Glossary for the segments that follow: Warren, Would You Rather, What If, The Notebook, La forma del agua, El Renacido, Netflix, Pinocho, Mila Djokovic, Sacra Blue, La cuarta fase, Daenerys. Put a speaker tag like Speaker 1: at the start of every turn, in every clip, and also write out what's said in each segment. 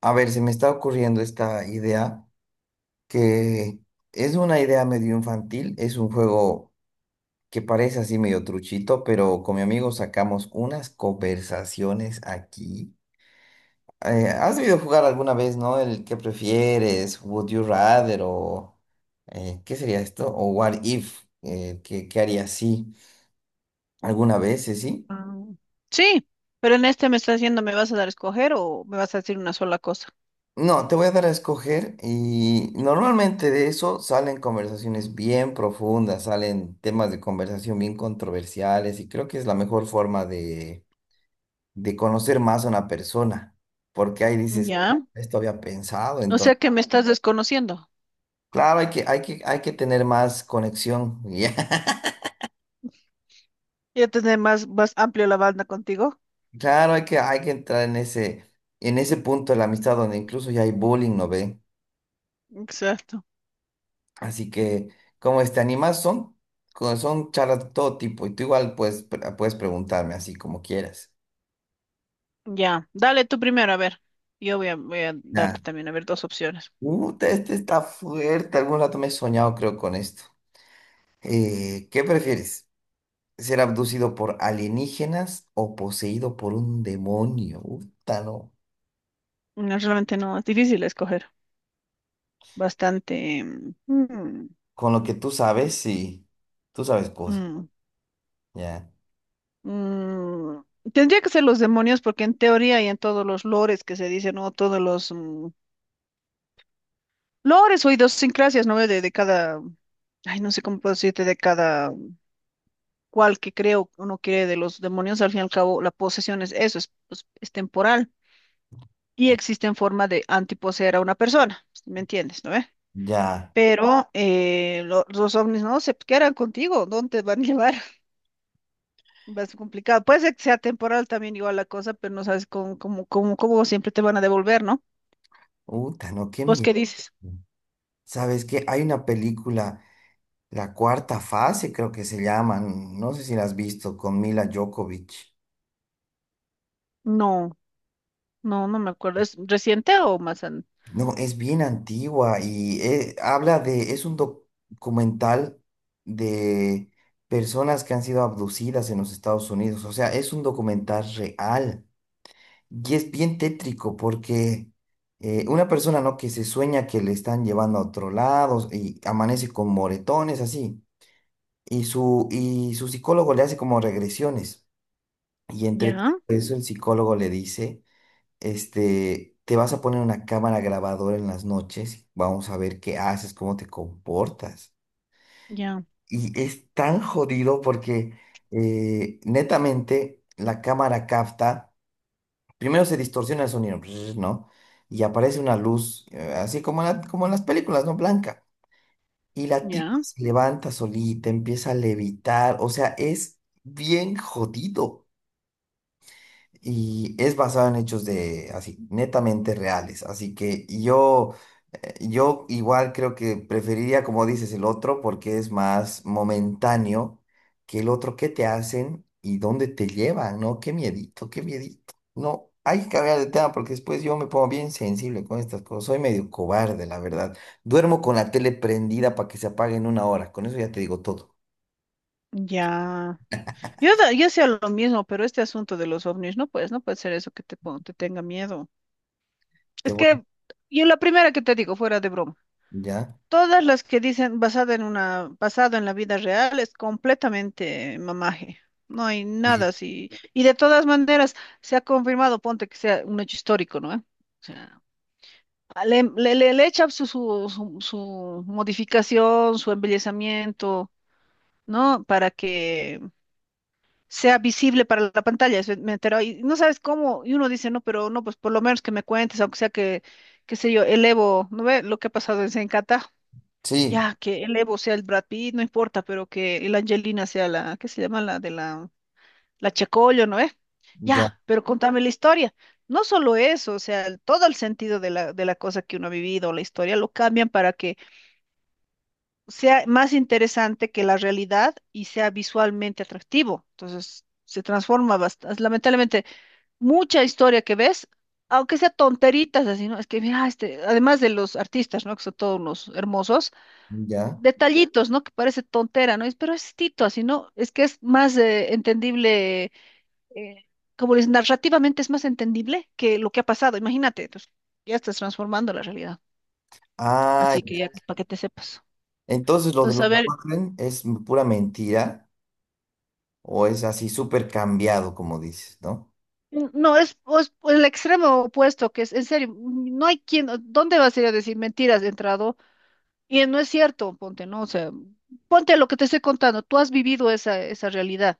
Speaker 1: A ver, se me está ocurriendo esta idea que es una idea medio infantil, es un juego que parece así medio truchito, pero con mi amigo sacamos unas conversaciones aquí. ¿Has debido jugar alguna vez, no? El que prefieres, Would You Rather o ¿qué sería esto? O What If, ¿qué harías si? ¿Alguna vez, sí?
Speaker 2: Ah, sí, pero en este me estás diciendo, ¿me vas a dar a escoger o me vas a decir una sola cosa?
Speaker 1: No, te voy a dar a escoger y normalmente de eso salen conversaciones bien profundas, salen temas de conversación bien controversiales y creo que es la mejor forma de conocer más a una persona, porque ahí dices,
Speaker 2: Ya,
Speaker 1: esto había pensado,
Speaker 2: o sea
Speaker 1: entonces,
Speaker 2: que me estás desconociendo.
Speaker 1: claro, hay que tener más conexión, ya.
Speaker 2: Ya tener más, más amplio la banda contigo.
Speaker 1: Claro, hay que entrar en en ese punto de la amistad donde incluso ya hay bullying, ¿no ve?
Speaker 2: Exacto.
Speaker 1: Así que, como este, animas son, son charlas de todo tipo y tú igual puedes preguntarme así como quieras.
Speaker 2: Ya. Dale tú primero, a ver. Voy a darte
Speaker 1: Nada.
Speaker 2: también, a ver, dos opciones.
Speaker 1: Este está fuerte. Algún rato me he soñado, creo, con esto. ¿Qué prefieres? ¿Ser abducido por alienígenas o poseído por un demonio? Uta, no.
Speaker 2: No, realmente no, es difícil escoger. Bastante.
Speaker 1: Con lo que tú sabes, sí. Tú sabes cosas.
Speaker 2: Mm.
Speaker 1: Ya.
Speaker 2: mm. Tendría que ser los demonios porque en teoría y en todos los lores que se dicen, o todos los lores o idiosincrasias, ¿no? De cada, ay, no sé cómo puedo decirte, de cada cual que creo uno quiere de los demonios, al fin y al cabo la posesión es eso, es, pues, es temporal y existe en forma de antiposeer a una persona, ¿me entiendes, no ve?
Speaker 1: Ya.
Speaker 2: Pero los ovnis no se quedan contigo, ¿dónde te van a llevar? Va a ser complicado. Puede ser que sea temporal también igual la cosa, pero no sabes cómo siempre te van a devolver, ¿no?
Speaker 1: Uta, no, qué
Speaker 2: ¿Vos
Speaker 1: miedo.
Speaker 2: qué dices?
Speaker 1: ¿Sabes qué? Hay una película. La cuarta fase creo que se llaman, no sé si la has visto, con Mila Djokovic.
Speaker 2: No, no, no me acuerdo. ¿Es reciente o más an-
Speaker 1: No, es bien antigua y habla de, es un documental de personas que han sido abducidas en los Estados Unidos, o sea, es un documental real y es bien tétrico porque una persona, ¿no? que se sueña que le están llevando a otro lado y amanece con moretones así y su psicólogo le hace como regresiones. Y entre todo
Speaker 2: Ya,
Speaker 1: eso, el psicólogo le dice, este, te vas a poner una cámara grabadora en las noches, vamos a ver qué haces, cómo te comportas.
Speaker 2: ya.
Speaker 1: Y es tan jodido porque netamente la cámara capta, primero se distorsiona el sonido, ¿no? Y aparece una luz, así como, como en las películas, ¿no? Blanca. Y la tipa
Speaker 2: Ya,
Speaker 1: se levanta solita, empieza a levitar, o sea, es bien jodido. Y es basado en hechos de así, netamente reales. Así que yo, yo igual creo que preferiría, como dices, el otro porque es más momentáneo que el otro que te hacen y dónde te llevan, ¿no? Qué miedito, qué miedito. No, hay que cambiar de tema porque después yo me pongo bien sensible con estas cosas. Soy medio cobarde, la verdad. Duermo con la tele prendida para que se apague en una hora. Con eso ya te digo todo.
Speaker 2: ya. Yo hacía lo mismo, pero este asunto de los ovnis, no pues, no puede ser eso que te tenga miedo.
Speaker 1: Te
Speaker 2: Es
Speaker 1: voy,
Speaker 2: que yo la primera que te digo, fuera de broma,
Speaker 1: ¿ya?
Speaker 2: todas las que dicen basada en una, basado en la vida real es completamente mamaje. No hay
Speaker 1: Sí.
Speaker 2: nada así. Y de todas maneras, se ha confirmado, ponte que sea un hecho histórico, ¿no? ¿Eh? O sea, le echa su modificación, su embellecimiento. ¿No? Para que sea visible para la pantalla, eso me enteró, y no sabes cómo, y uno dice, no, pero no, pues por lo menos que me cuentes, aunque sea que, qué sé yo, el Evo, ¿no ve lo que ha pasado en Zencata?
Speaker 1: Sí,
Speaker 2: Ya, que el Evo sea el Brad Pitt, no importa, pero que el Angelina sea la, ¿qué se llama? La Checollo, ¿no ve?
Speaker 1: ya,
Speaker 2: Ya, pero contame la historia. No solo eso, o sea, el- todo el sentido de de la cosa que uno ha vivido, la historia, lo cambian para que sea más interesante que la realidad y sea visualmente atractivo. Entonces, se transforma bastante. Lamentablemente, mucha historia que ves, aunque sea tonteritas así, ¿no? Es que, mira, este, además de los artistas, ¿no? Que son todos unos hermosos,
Speaker 1: ya.
Speaker 2: detallitos, ¿no? Que parece tontera, ¿no? Es- pero es tito, así, ¿no? Es que es más entendible, eh, como les narrativamente es más entendible que lo que ha pasado. Imagínate, entonces, ya estás transformando la realidad.
Speaker 1: Ah,
Speaker 2: Así que ya, para que te sepas.
Speaker 1: entonces, lo de
Speaker 2: Entonces,
Speaker 1: los
Speaker 2: a ver,
Speaker 1: Warren es pura mentira o es así súper cambiado, como dices, ¿no?
Speaker 2: n- no, es, pues, pues, el extremo opuesto, que es, en serio, mm, no hay quien, ¿dónde vas a ir a decir mentiras de entrado? Y no es cierto, ponte, ¿no? O sea, ponte lo que te estoy contando, tú has vivido esa, esa realidad.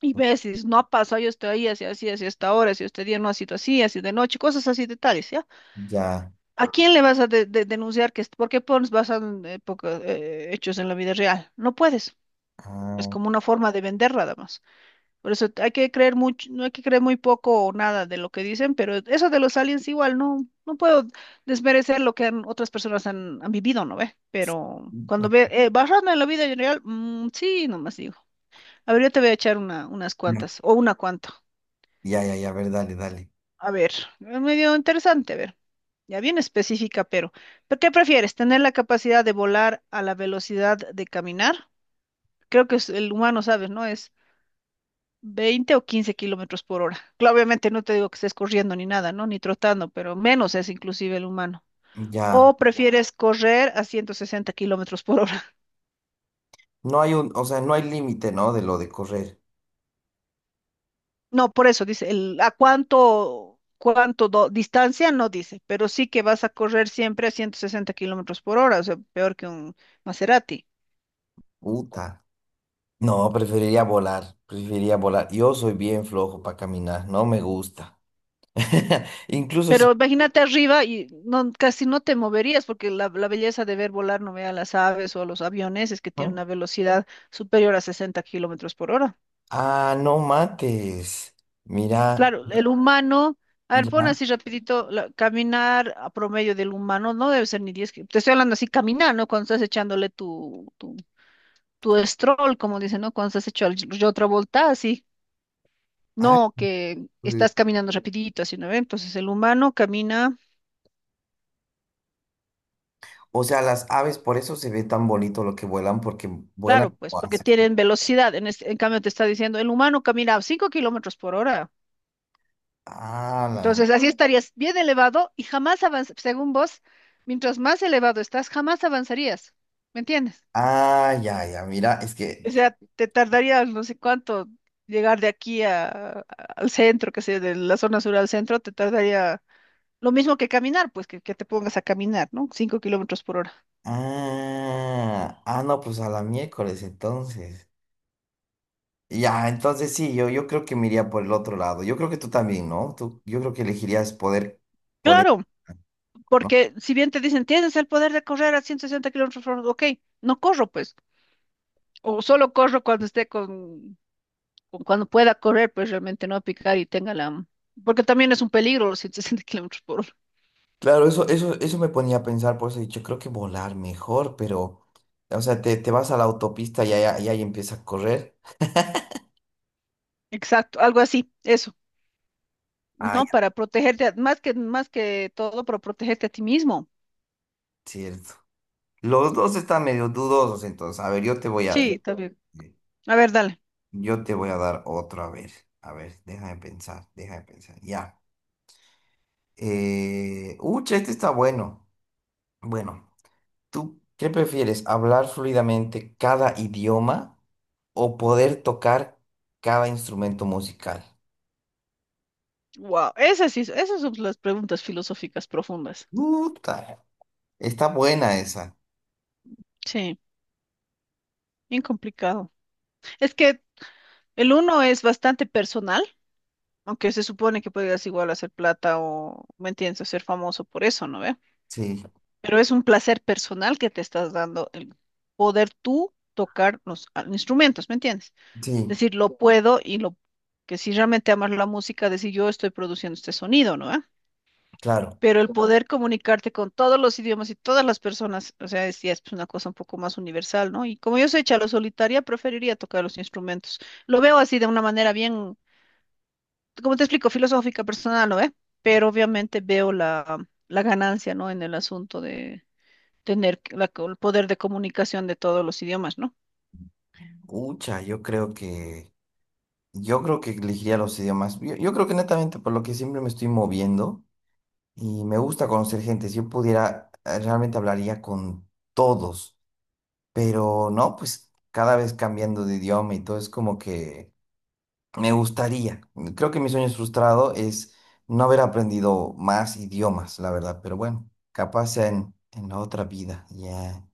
Speaker 2: Y ves, y dices, no ha pasado, yo estoy ahí, así, así, así, hasta ahora, si este día no ha sido así, así de noche, cosas así detalles ¿ya?
Speaker 1: Ya.
Speaker 2: ¿A quién le vas a denunciar que, es- por qué pones basado en poca- hechos en la vida real? No puedes, es
Speaker 1: Ah,
Speaker 2: como una forma de vender nada más. Por eso hay que creer mucho, no hay que creer muy poco o nada de lo que dicen, pero eso de los aliens igual, no, no puedo desmerecer lo que han- otras personas han, han vivido, ¿no ve? Pero cuando ve, basarme en la vida en real, mm, sí, nomás digo. A ver, yo te voy a echar una, unas cuantas, o una cuanta.
Speaker 1: ya, ya, ya, a ver, dale, dale.
Speaker 2: A ver, es medio interesante, a ver. Ya bien específica, ¿pero qué prefieres? ¿Tener la capacidad de volar a la velocidad de caminar? Creo que es el humano, ¿sabes? ¿No? Es 20 o 15 kilómetros por hora. Claro, obviamente no te digo que estés corriendo ni nada, ¿no? Ni trotando, pero menos es inclusive el humano.
Speaker 1: Ya.
Speaker 2: ¿O prefieres correr a 160 kilómetros por hora?
Speaker 1: No hay un, o sea, no hay límite, ¿no? De lo de correr.
Speaker 2: No, por eso dice, el, ¿a cuánto, cuánto do- distancia? No dice, pero sí que vas a correr siempre a 160 kilómetros por hora, o sea, peor que un Maserati.
Speaker 1: Puta. No, preferiría volar, preferiría volar. Yo soy bien flojo para caminar, no me gusta. Incluso
Speaker 2: Pero
Speaker 1: si...
Speaker 2: imagínate arriba y no, casi no te moverías, porque la belleza de ver volar, no vea las aves o a los aviones, es que tienen
Speaker 1: ¿Ah?
Speaker 2: una velocidad superior a 60 kilómetros por hora.
Speaker 1: Ah, no mates. Mira,
Speaker 2: Claro, el humano, a ver, pon
Speaker 1: ya.
Speaker 2: así rapidito, la- caminar a promedio del humano no debe ser ni 10 kilómetros. Te estoy hablando así, caminar, ¿no? Cuando estás echándole tu stroll, como dicen, ¿no? Cuando estás hecho al- yo otra vuelta, así.
Speaker 1: Ah.
Speaker 2: No, que estás caminando rapidito, así, ¿no? ¿Ve? Entonces el humano camina,
Speaker 1: O sea, las aves, por eso se ve tan bonito lo que vuelan, porque
Speaker 2: claro,
Speaker 1: vuelan
Speaker 2: pues,
Speaker 1: como
Speaker 2: porque
Speaker 1: haces.
Speaker 2: tienen velocidad. En, este- en cambio te está diciendo, el humano camina a 5 kilómetros por hora.
Speaker 1: Ah, la-
Speaker 2: Entonces así estarías bien elevado y jamás avanzas, según vos, mientras más elevado estás, jamás avanzarías. ¿Me entiendes?
Speaker 1: ah, ya, ya, mira, es que.
Speaker 2: O sea, te tardarías no sé cuánto llegar de aquí a- al centro, que sé, de la zona sur al centro, te tardaría lo mismo que caminar, pues que te pongas a caminar, ¿no? Cinco kilómetros por hora.
Speaker 1: Ah, ah, no, pues a la miércoles entonces. Ya, entonces sí, yo creo que me iría por el otro lado. Yo creo que tú también, ¿no? Tú, yo creo que elegirías poder,
Speaker 2: Claro,
Speaker 1: ¿no?
Speaker 2: porque si bien te dicen, tienes el poder de correr a 160 kilómetros por hora, ok, no corro, pues. O solo corro cuando esté con- cuando pueda correr, pues realmente no a picar y tenga la... Porque también es un peligro los 160 kilómetros por hora.
Speaker 1: Claro, eso me ponía a pensar, por eso he dicho, creo que volar mejor, pero, o sea, te vas a la autopista y ahí empieza a correr.
Speaker 2: Exacto, algo así, eso.
Speaker 1: Ah,
Speaker 2: No,
Speaker 1: ya,
Speaker 2: para protegerte, a- más que todo, para protegerte a ti mismo.
Speaker 1: cierto. Los dos están medio dudosos, entonces. A ver,
Speaker 2: Sí, está bien.
Speaker 1: eh,
Speaker 2: A ver, dale.
Speaker 1: yo te voy a dar otro, a ver. A ver, deja de pensar, deja de pensar. Ya. Ucha, este está bueno. Bueno, ¿tú qué prefieres? ¿Hablar fluidamente cada idioma o poder tocar cada instrumento musical?
Speaker 2: Wow, esas sí, esas son las preguntas filosóficas profundas.
Speaker 1: Puta, está buena esa.
Speaker 2: Sí, bien complicado. Es que el uno es bastante personal, aunque se supone que podrías igual hacer plata o, ¿me entiendes?, o ser famoso por eso, ¿no ve?
Speaker 1: Sí,
Speaker 2: Pero es un placer personal que te estás dando el poder tú tocar los ah, instrumentos, ¿me entiendes?
Speaker 1: sí,
Speaker 2: Decir, lo puedo y lo que si realmente amas la música, decir, yo estoy produciendo este sonido, ¿no?
Speaker 1: claro.
Speaker 2: Pero el claro, poder comunicarte con todos los idiomas y todas las personas, o sea, es, ya es pues, una cosa un poco más universal, ¿no? Y como yo soy chalo solitaria, preferiría tocar los instrumentos. Lo veo así de una manera bien, como te explico, filosófica, personal, ¿no? ¿Eh? Pero obviamente veo la, la ganancia, ¿no? En el asunto de tener la- el poder de comunicación de todos los idiomas, ¿no?
Speaker 1: Ucha, yo creo que elegiría los idiomas. Yo creo que netamente por lo que siempre me estoy moviendo. Y me gusta conocer gente. Si yo pudiera, realmente hablaría con todos. Pero no, pues cada vez cambiando de idioma y todo es como que me gustaría. Creo que mi sueño frustrado es no haber aprendido más idiomas, la verdad. Pero bueno, capaz sea en la otra vida. Ya.